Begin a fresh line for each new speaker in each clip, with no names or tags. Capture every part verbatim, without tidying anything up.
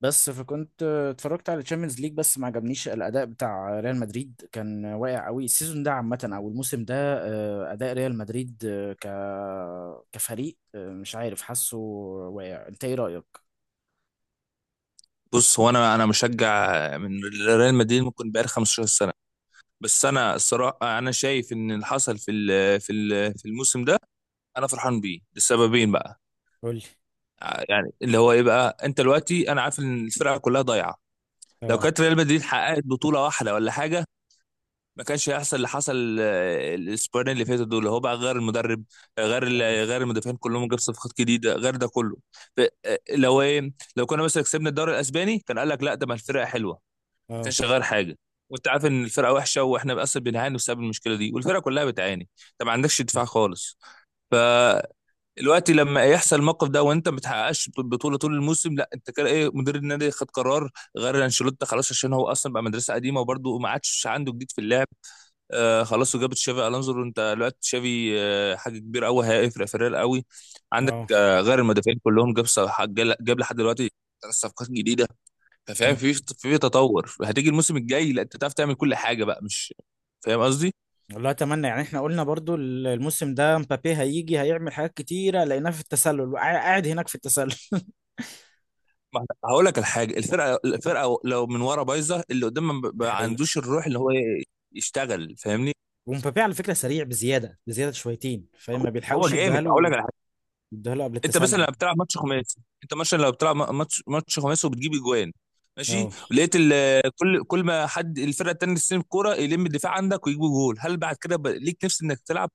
بس فكنت اتفرجت على تشامبيونز ليج، بس ما عجبنيش الاداء بتاع ريال مدريد، كان واقع قوي السيزون ده عامه، او الموسم ده آه، اداء ريال مدريد آه، ك كفريق آه، مش عارف، حاسه واقع، انت ايه رايك؟
بص، هو انا انا مشجع من ريال مدريد ممكن بقالي خمسة عشر سنه. بس انا الصراحه انا شايف ان اللي حصل في ال- في ال- في الموسم ده انا فرحان بيه لسببين بقى.
قول لي.
ع- يعني اللي هو ايه بقى، انت دلوقتي انا عارف ان الفرقه كلها ضايعه. لو
اه.
كانت ريال مدريد حققت بطوله واحده ولا حاجه ما كانش هيحصل اللي حصل آه، الاسبوعين اللي فاتوا دول. هو بقى غير المدرب، آه، غير ال-
اه.
غير المدافعين كلهم، جاب صفقات جديده غير ده كله. ف- آه، لو ايه، لو كنا مثلا كسبنا الدوري الاسباني كان قال لك لا ده ما الفرقه حلوه، ما
اه.
كانش غير حاجه. وانت عارف ان الفرقه وحشه واحنا اصلا بنعاني بسبب المشكله دي والفرقه كلها بتعاني، انت ما عندكش دفاع خالص. فالوقت لما يحصل الموقف ده وانت ما بتحققش بطوله طول الموسم لا انت كده ايه، مدير النادي خد قرار غير انشيلوتي خلاص، عشان هو اصلا بقى مدرسه قديمه وبرده ما عادش عنده جديد في اللعب. آه خلاص، وجاب تشافي الونزو. انت دلوقتي تشافي آه حاجه كبيره قوي، هيفرق فريق قوي عندك.
اه.
آه غير المدافعين كلهم، جاب صلاح- جاب جاب لحد دلوقتي ثلاث صفقات جديده. انت فاهم،
مم.
في في تطور. هتيجي الموسم الجاي لا انت تعرف تعمل كل حاجه بقى، مش فاهم قصدي؟
والله اتمنى، يعني احنا قلنا برضو الموسم ده مبابي هيجي هيعمل حاجات كتيره، لقيناه في التسلل وقع- قاعد هناك في التسلل.
ما احنا- هقول لك الحاجه، الفرقه الفرقه لو من ورا بايظه اللي قدام ما
دي
ما
حقيقة.
عندوش الروح اللي هو يشتغل، فاهمني؟
ومبابي على فكره سريع بزياده، بزياده شويتين، فما
هو
بيلحقوش يديها
جامد، هقول
له
لك على حاجه.
يديها له قبل
انت مثلا
التسلل.
لو بتلعب ماتش خماسي، انت مثلا لو بتلعب م- ماتش ماتش خماسي وبتجيب اجوان ماشي،
اه.
لقيت ال- كل كل ما حد الفرقه التانيه تستلم الكوره يلم الدفاع عندك ويجيبوا جول، هل بعد كده بقى ليك نفس انك تلعب؟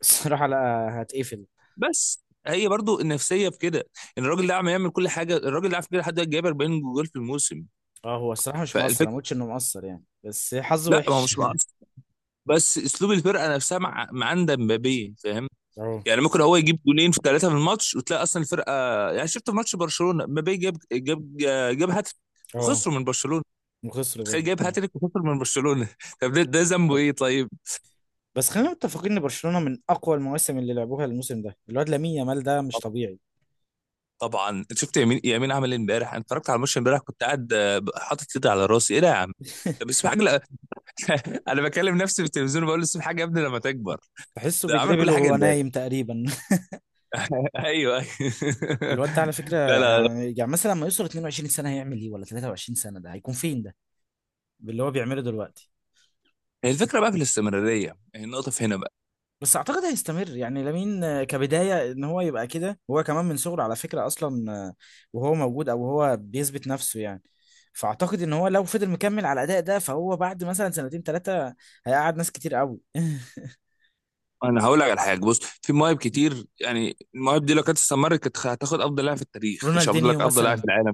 الصراحة لا. هتقفل.
بس هي برضو النفسيه في كده، ان الراجل ده عم يعمل كل حاجه. الراجل ده على فكره لحد دلوقتي جايب اربعين جول في الموسم.
اه، هو الصراحة مش مقصر،
فالفكره،
انا مقلتش انه مقصر يعني، بس حظه
لا ما هو
وحش.
مش مقصر، بس اسلوب الفرقه نفسها مع مع عند مبابي، فاهم؟
اه.
يعني ممكن هو يجيب جولين في ثلاثه في الماتش وتلاقي اصلا الفرقه. يعني شفت في ماتش برشلونه، مبابي جاب جاب جاب هاتريك
اه.
وخسروا من برشلونه.
وخسروا
بتخيل،
برضه
جايب
فعلا.
هاتريك وخسر من برشلونه طب ده ده ذنبه ايه طيب؟
بس خلينا متفقين ان برشلونة من اقوى المواسم اللي لعبوها، الموسم ده الواد لامين يامال ده مش
طب-
طبيعي.
طبعا انت شفت يمين يمين عمل ايه امبارح؟ انا اتفرجت على الماتش امبارح كنت قاعد آه، حاطط ايدي على راسي، ايه ده يا عم. طب اسمع حاجه. انا بكلم نفسي في التلفزيون بقول لسه حاجه يا ابني لما تكبر.
تحسه
ده عمل
بيدربل
كل حاجه
وهو
امبارح.
نايم تقريبا.
ايوه أيوة.
الواد ده على فكرة،
لا لا.
يعني يعني مثلا لما يوصل 22 سنة هيعمل ايه؟ ولا 23 سنة ده هيكون فين ده باللي هو بيعمله دلوقتي؟
هي الفكره بقى في الاستمراريه، هي النقطه في هنا بقى.
بس اعتقد هيستمر، يعني لامين آه، كبدايه ان هو يبقى كده، هو كمان من صغره على فكره اصلا آه، وهو موجود، او هو بيثبت نفسه يعني. فاعتقد ان هو لو فضل مكمل على الاداء ده، فهو بعد مثلا سنتين ثلاثه هيقعد ناس كتير قوي.
انا هقول لك على حاجه، بص، في مواهب كتير. يعني المواهب دي لو كانت استمرت كانت هتاخد افضل لاعب في التاريخ، مش هفضل
رونالدينيو
لك افضل لاعب في
مثلا.
العالم.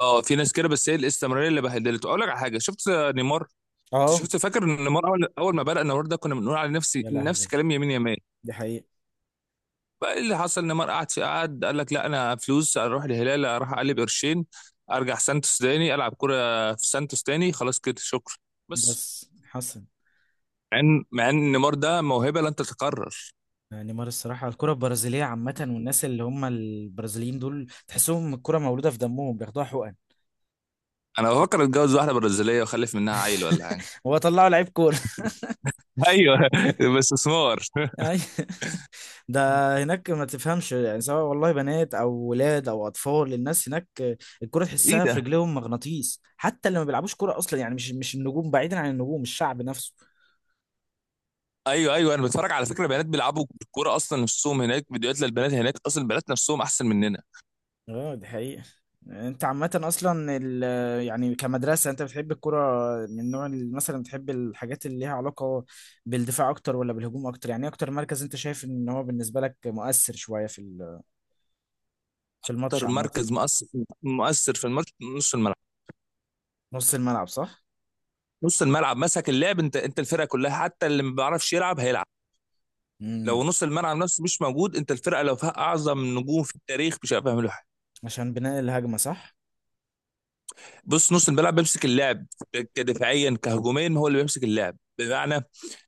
اه في ناس كده، بس هي الاستمراريه اللي بهدلته. اقول لك على حاجه، شفت نيمار؟ انت
اه.
شفت، فاكر إن نيمار، اول اول ما بدا نيمار ده كنا بنقول على نفسي
يا لهوي.
نفس كلام يمين يمال.
دي حقيقه.
بقى اللي حصل نيمار قعد في قعد قال لك لا انا فلوس اروح الهلال اروح اقلب قرشين، ارجع سانتوس تاني العب كرة في سانتوس تاني، خلاص كده شكرا، بس.
بس حسن.
مع ان مع ان نيمار ده موهبة لن تتكرر.
آه، نيمار الصراحه، الكره البرازيليه عامه، والناس اللي هم البرازيليين دول تحسهم الكره مولوده في دمهم، بياخدوها حقن.
انا بفكر اتجوز واحدة برازيلية واخلف منها عيل ولا حاجة.
هو طلعوا لعيب كوره.
ايوه بس استثمار.
أي. ده هناك ما تفهمش يعني، سواء والله بنات او ولاد او اطفال، الناس هناك الكرة
ايه
تحسها في
ده؟
رجليهم مغناطيس، حتى اللي ما بيلعبوش كرة اصلا يعني، مش مش النجوم، بعيدا عن النجوم الشعب نفسه.
ايوه ايوه، انا بتفرج على فكرة بنات بيلعبوا الكورة اصلا نفسهم هناك، فيديوهات للبنات هناك اصلا البنات نفسهم احسن مننا.
اه دي حقيقة. انت عامة اصلا ال- يعني كمدرسة، انت بتحب الكرة من نوع ال- مثلا، بتحب الحاجات اللي ليها علاقة بالدفاع اكتر ولا بالهجوم اكتر؟ يعني ايه اكتر مركز انت شايف ان هو بالنسبة لك مؤثر شوية في ال- في الماتش
اكتر
عامة؟
مركز مؤثر، مؤثر في الماتش، نص الملعب.
نص الملعب صح؟
نص الملعب مسك اللعب، انت انت الفرقه كلها حتى اللي ما بيعرفش يلعب هيلعب.
امم.
لو نص الملعب نفسه مش موجود، انت الفرقه لو فيها اعظم نجوم في التاريخ مش هيعرفوا يعملوا حاجه.
عشان بناء الهجمة صح؟
بص، نص الملعب بيمسك اللعب كدفاعيا كهجوميا، هو اللي بيمسك اللعب. بمعنى،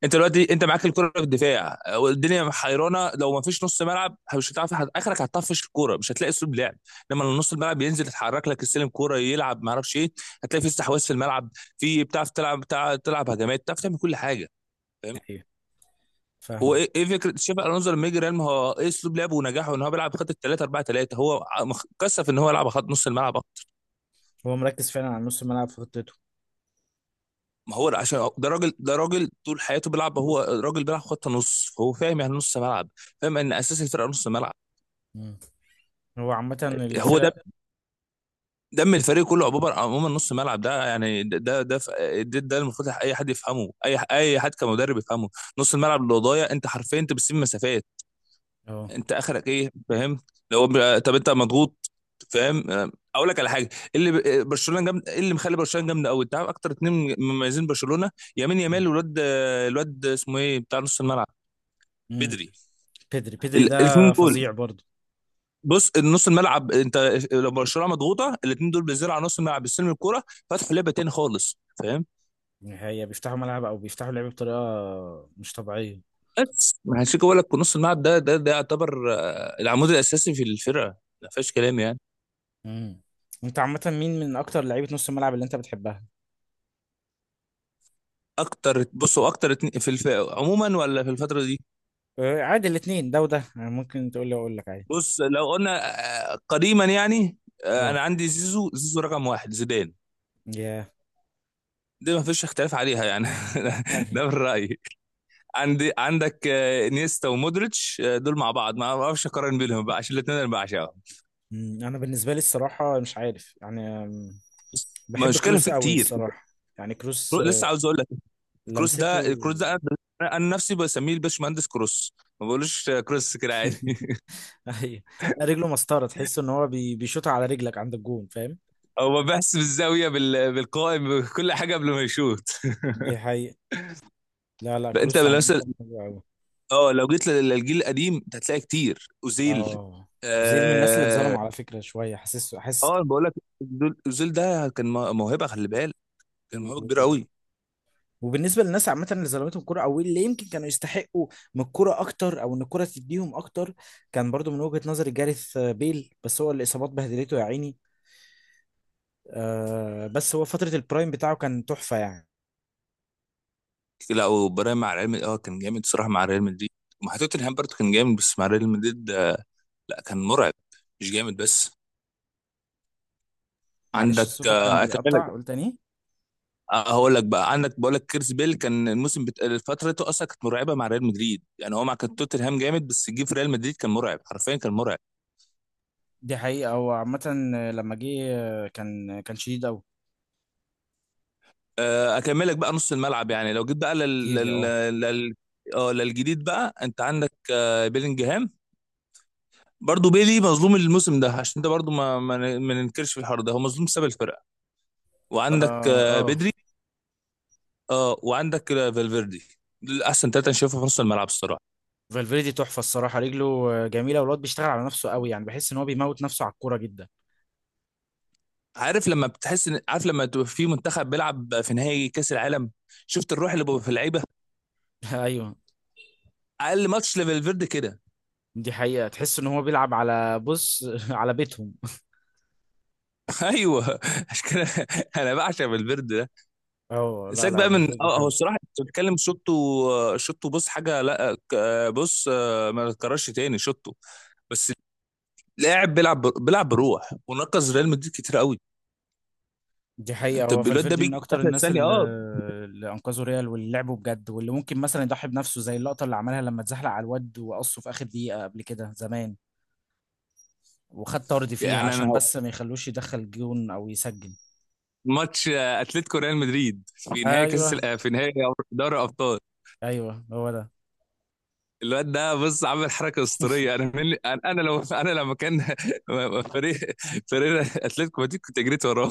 انت دلوقتي انت معاك الكره في الدفاع والدنيا حيرانه، لو ما فيش نص ملعب مش هتعرف حد- اخرك هتطفش الكوره، مش هتلاقي اسلوب لعب. لما نص الملعب ينزل يتحرك لك السلم كوره يلعب ما اعرفش ايه، هتلاقي في استحواذ في الملعب، في بتعرف تلعب، بتعرف تلعب هجمات، بتعرف تعمل كل حاجه.
ايوه.
هو
فاهم.
ايه إيه فكره تشافي الونزو لما يجي ريال؟ ما هو ايه اسلوب لعبه ونجاحه، ان هو بيلعب بخط تلاتة اربعة تلاتة. هو مخ- كثف ان هو يلعب خط نص الملعب أكتر.
هو مركز فعلا على نص الملعب في خطته.
ما هو عشان ده راجل، ده راجل طول حياته بيلعب، هو راجل بيلعب خط نص، فهو فاهم يعني نص ملعب، فاهم ان اساس الفرقه نص ملعب.
مم. هو عامة
هو ده
الفرق.
دم الفريق كله، عموما عموما نص ملعب ده، يعني ده ده ده, ف- ده, ده المفروض اي حد يفهمه، اي اي حد كمدرب يفهمه. نص الملعب اللي ضايع انت حرفيا انت بتسيب مسافات،
اه.
انت اخرك ايه فاهم؟ لو ب- طب انت مضغوط، فاهم؟ آه، اقول لك على حاجه، اللي ب- برشلونه جامد. ايه اللي مخلي برشلونه جامده قوي؟ انت عارف اكتر اتنين مميزين برشلونه، يمين يامال والواد آه، الواد اسمه ايه بتاع نص الملعب،
امم.
بدري.
بيدري بيدري ده
ال- الاثنين دول،
فظيع برضه.
بص النص الملعب، انت لو برشلونه مضغوطه الاثنين دول بينزلوا على نص الملعب بيستلموا الكوره، فتحوا لعبه تاني خالص، فاهم؟
هي بيفتحوا ملعب او بيفتحوا لعب بطريقة مش طبيعية.
بس ما هنشيك، اقول لك نص الملعب ده ده ده يعتبر آه، العمود الاساسي في الفرقه، ما فيهاش كلام يعني.
امم. انت عامة مين من اكتر لعيبة نص الملعب اللي انت بتحبها؟
اكتر، بصوا، اكتر اتنين- في الف... عموما ولا في الفتره دي؟
آه، عادي، الاثنين ده وده يعني، ممكن تقول لي اقول لك عادي.
بص لو قلنا آه، قديما يعني، آه،
اه
انا عندي زيزو، زيزو رقم واحد، زيدان.
يا.
دي ما فيش اختلاف عليها يعني ده من رايي. عندي عندك آه، نيستا ومودريتش، آه، دول مع بعض ما اعرفش اقارن بينهم بقى، عشان الاثنين انا بعشقهم،
مم، انا بالنسبة لي الصراحة مش عارف يعني أم،
بس.
بحب
مشكله
كروس
في
قوي
كتير
الصراحة. يعني كروس آه،
لسه عاوز اقول لك. كروس ده،
لمسته
الكروس ده انا، أنا نفسي بسميه الباشمهندس كروس، ما بقولوش آه، كروس كده عادي.
ايوه، رجله مسطره، تحس ان هو بي... بيشوط على رجلك عند الجون، فاهم؟
هو بحس بالزاويه بال- بالقائم بكل حاجه قبل ما يشوط.
دي حقيقة. لا لا،
لا، انت
كروس عامة
مثلا
حلو قوي.
اه لو جيت لل- للجيل القديم انت هتلاقي كتير اوزيل.
اه. اوزيل من الناس اللي
اه
اتظلموا على فكرة شوية، حاسس حاسس
اه
كده.
بقول لك، دول- اوزيل ده كان مو- موهبه، خلي بالك، كان
و...
موهبه كبيره قوي.
وبالنسبة للناس عامة اللي ظلمتهم الكورة او اللي يمكن كانوا يستحقوا من الكورة اكتر، او ان الكورة تديهم اكتر، كان برضو من وجهة نظري جاريث بيل، بس هو الاصابات بهدلته يا عيني. آه، بس هو فترة البرايم بتاعه كان تحفة يعني.
لا، وبراهيم مع ريال مدريد اه كان جامد الصراحه مع ريال مدريد، ومع توتنهام برضه كان جامد، بس مع ريال مدريد آه، لا كان مرعب، مش جامد بس.
معلش
عندك
صوتك كان
آه، اكملك،
بيقطع، قول تاني.
آه، هقول لك بقى، عندك، بقول لك كيرس بيل كان الموسم بت... فترته اصلا كانت مرعبه مع ريال مدريد، يعني هو مع كان توتنهام جامد بس جه في ريال مدريد كان مرعب، حرفيا كان مرعب.
دي حقيقة، هو عامة لما جه كان كان شديد أوي.
آه، اكملك بقى نص الملعب. يعني لو جيت بقى لل
كتير لي
لل
اه.
لل اه للجديد بقى، انت عندك آه، بيلينجهام. برضه بيلي مظلوم الموسم ده، عشان ده برضه ما ما ن- ما ننكرش في الحوار ده هو مظلوم بسبب الفرقه.
اه.
وعندك آه،
اه.
بدري، اه، وعندك آه، فالفيردي. دول احسن ثلاثه انا شايفهم في نص الملعب الصراحه.
فالفيردي تحفة الصراحة، رجله جميلة، والواد بيشتغل على نفسه أوي، يعني بحس إن هو بيموت نفسه على الكورة جدا.
عارف لما بتحس ان، عارف لما تبقى في منتخب بيلعب في نهائي كاس العالم، شفت الروح اللي بقى في اللعيبه؟
أيوه.
اقل ماتش لفالفيردي كده.
دي حقيقة، تحس إن هو بيلعب على بص على بيتهم.
ايوه، عشان كده انا بعشق فالفيردي.
اه لا
سيبك بقى
لا،
من
فالفيردي
اه، هو
حلو.
الصراحه انت بتتكلم شطه. شطه، بص حاجه، لا ك- بص آه، ما تكررش تاني شطه بس. لاعب بيلعب ب- بيلعب بروح، ونقص ريال مدريد كتير قوي.
دي حقيقة،
انت
هو
الواد ده
فالفيردي
بيجي
من
في
أكتر
اخر
الناس
ثانيه،
اللي
اه.
اللي أنقذوا ريال، واللي لعبوا بجد، واللي ممكن مثلا يضحي بنفسه، زي اللقطة اللي عملها لما اتزحلق على الواد وقصه في آخر دقيقة قبل كده زمان، وخد طرد فيها
يعني انا
عشان
هو-
بس ما يخلوش يدخل جون او يسجل.
ماتش آه، اتلتيكو ريال مدريد في نهائي
ايوه
كاس ال- آه، في نهائي دوري الابطال،
ايوه هو ده.
الواد ده بص عامل حركه اسطوريه. انا من انا، أنا لو انا لما كان فريق فريق اتلتيكو مدريد كنت جريت وراه.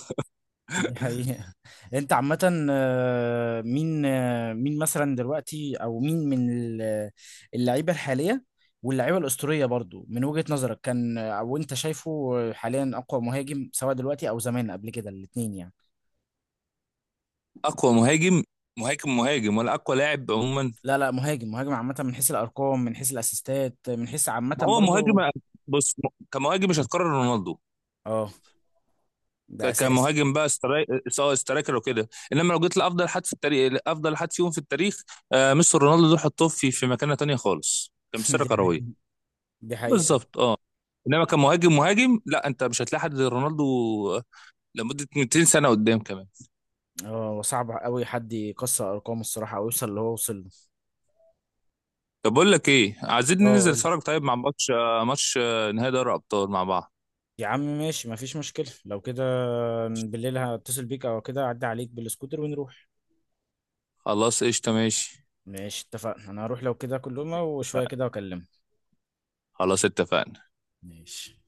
دي حقيقة. انت عامة، آه، مين آه، مين مثلا دلوقتي، او مين من ال- آه، اللعيبة الحالية واللعيبة الأسطورية برضو من وجهة نظرك كان آه، او انت شايفه حاليا اقوى مهاجم، سواء دلوقتي او زمان قبل كده، الاتنين يعني؟
اقوى مهاجم؟ مهاجم مهاجم ولا اقوى لاعب عموما؟
لا لا مهاجم مهاجم عامة، من حيث الارقام، من حيث الاسيستات، من حيث عامة
ما هو
برضو.
مهاجم، بص، كمهاجم مش هتكرر رونالدو.
اه ده
ك-
اساسي.
كمهاجم بقى استراي... سواء سترايكر وكده، انما لو جيت لافضل حد في التاريخ، افضل حد فيهم في التاريخ آه ميسي رونالدو دول حطوه في في مكانه تانية خالص كمسيره
دي
كرويه.
حقيقة. دي حقيقة.
بالظبط اه، انما كمهاجم مهاجم لا انت مش هتلاقي حد زي رونالدو آه، لمده ميتين سنه قدام كمان.
اه، وصعب قوي حد يكسر ارقامه الصراحه او يوصل اللي هو وصل له.
طب بقول لك ايه، عايزين
اه
ننزل
قول وصل
نتفرج
لي.
طيب مع ماتش آه ماتش آه نهائي دوري ابطال مع بعض؟
يا عم ماشي، مفيش مشكله لو كده، بالليل هتصل بيك او كده اعدي عليك بالسكوتر ونروح.
خلاص قشطه ماشي،
ماشي اتفقنا، انا هروح لو كده كلهم وشويه كده واكلمك.
خلاص اتفقنا.
ماشي.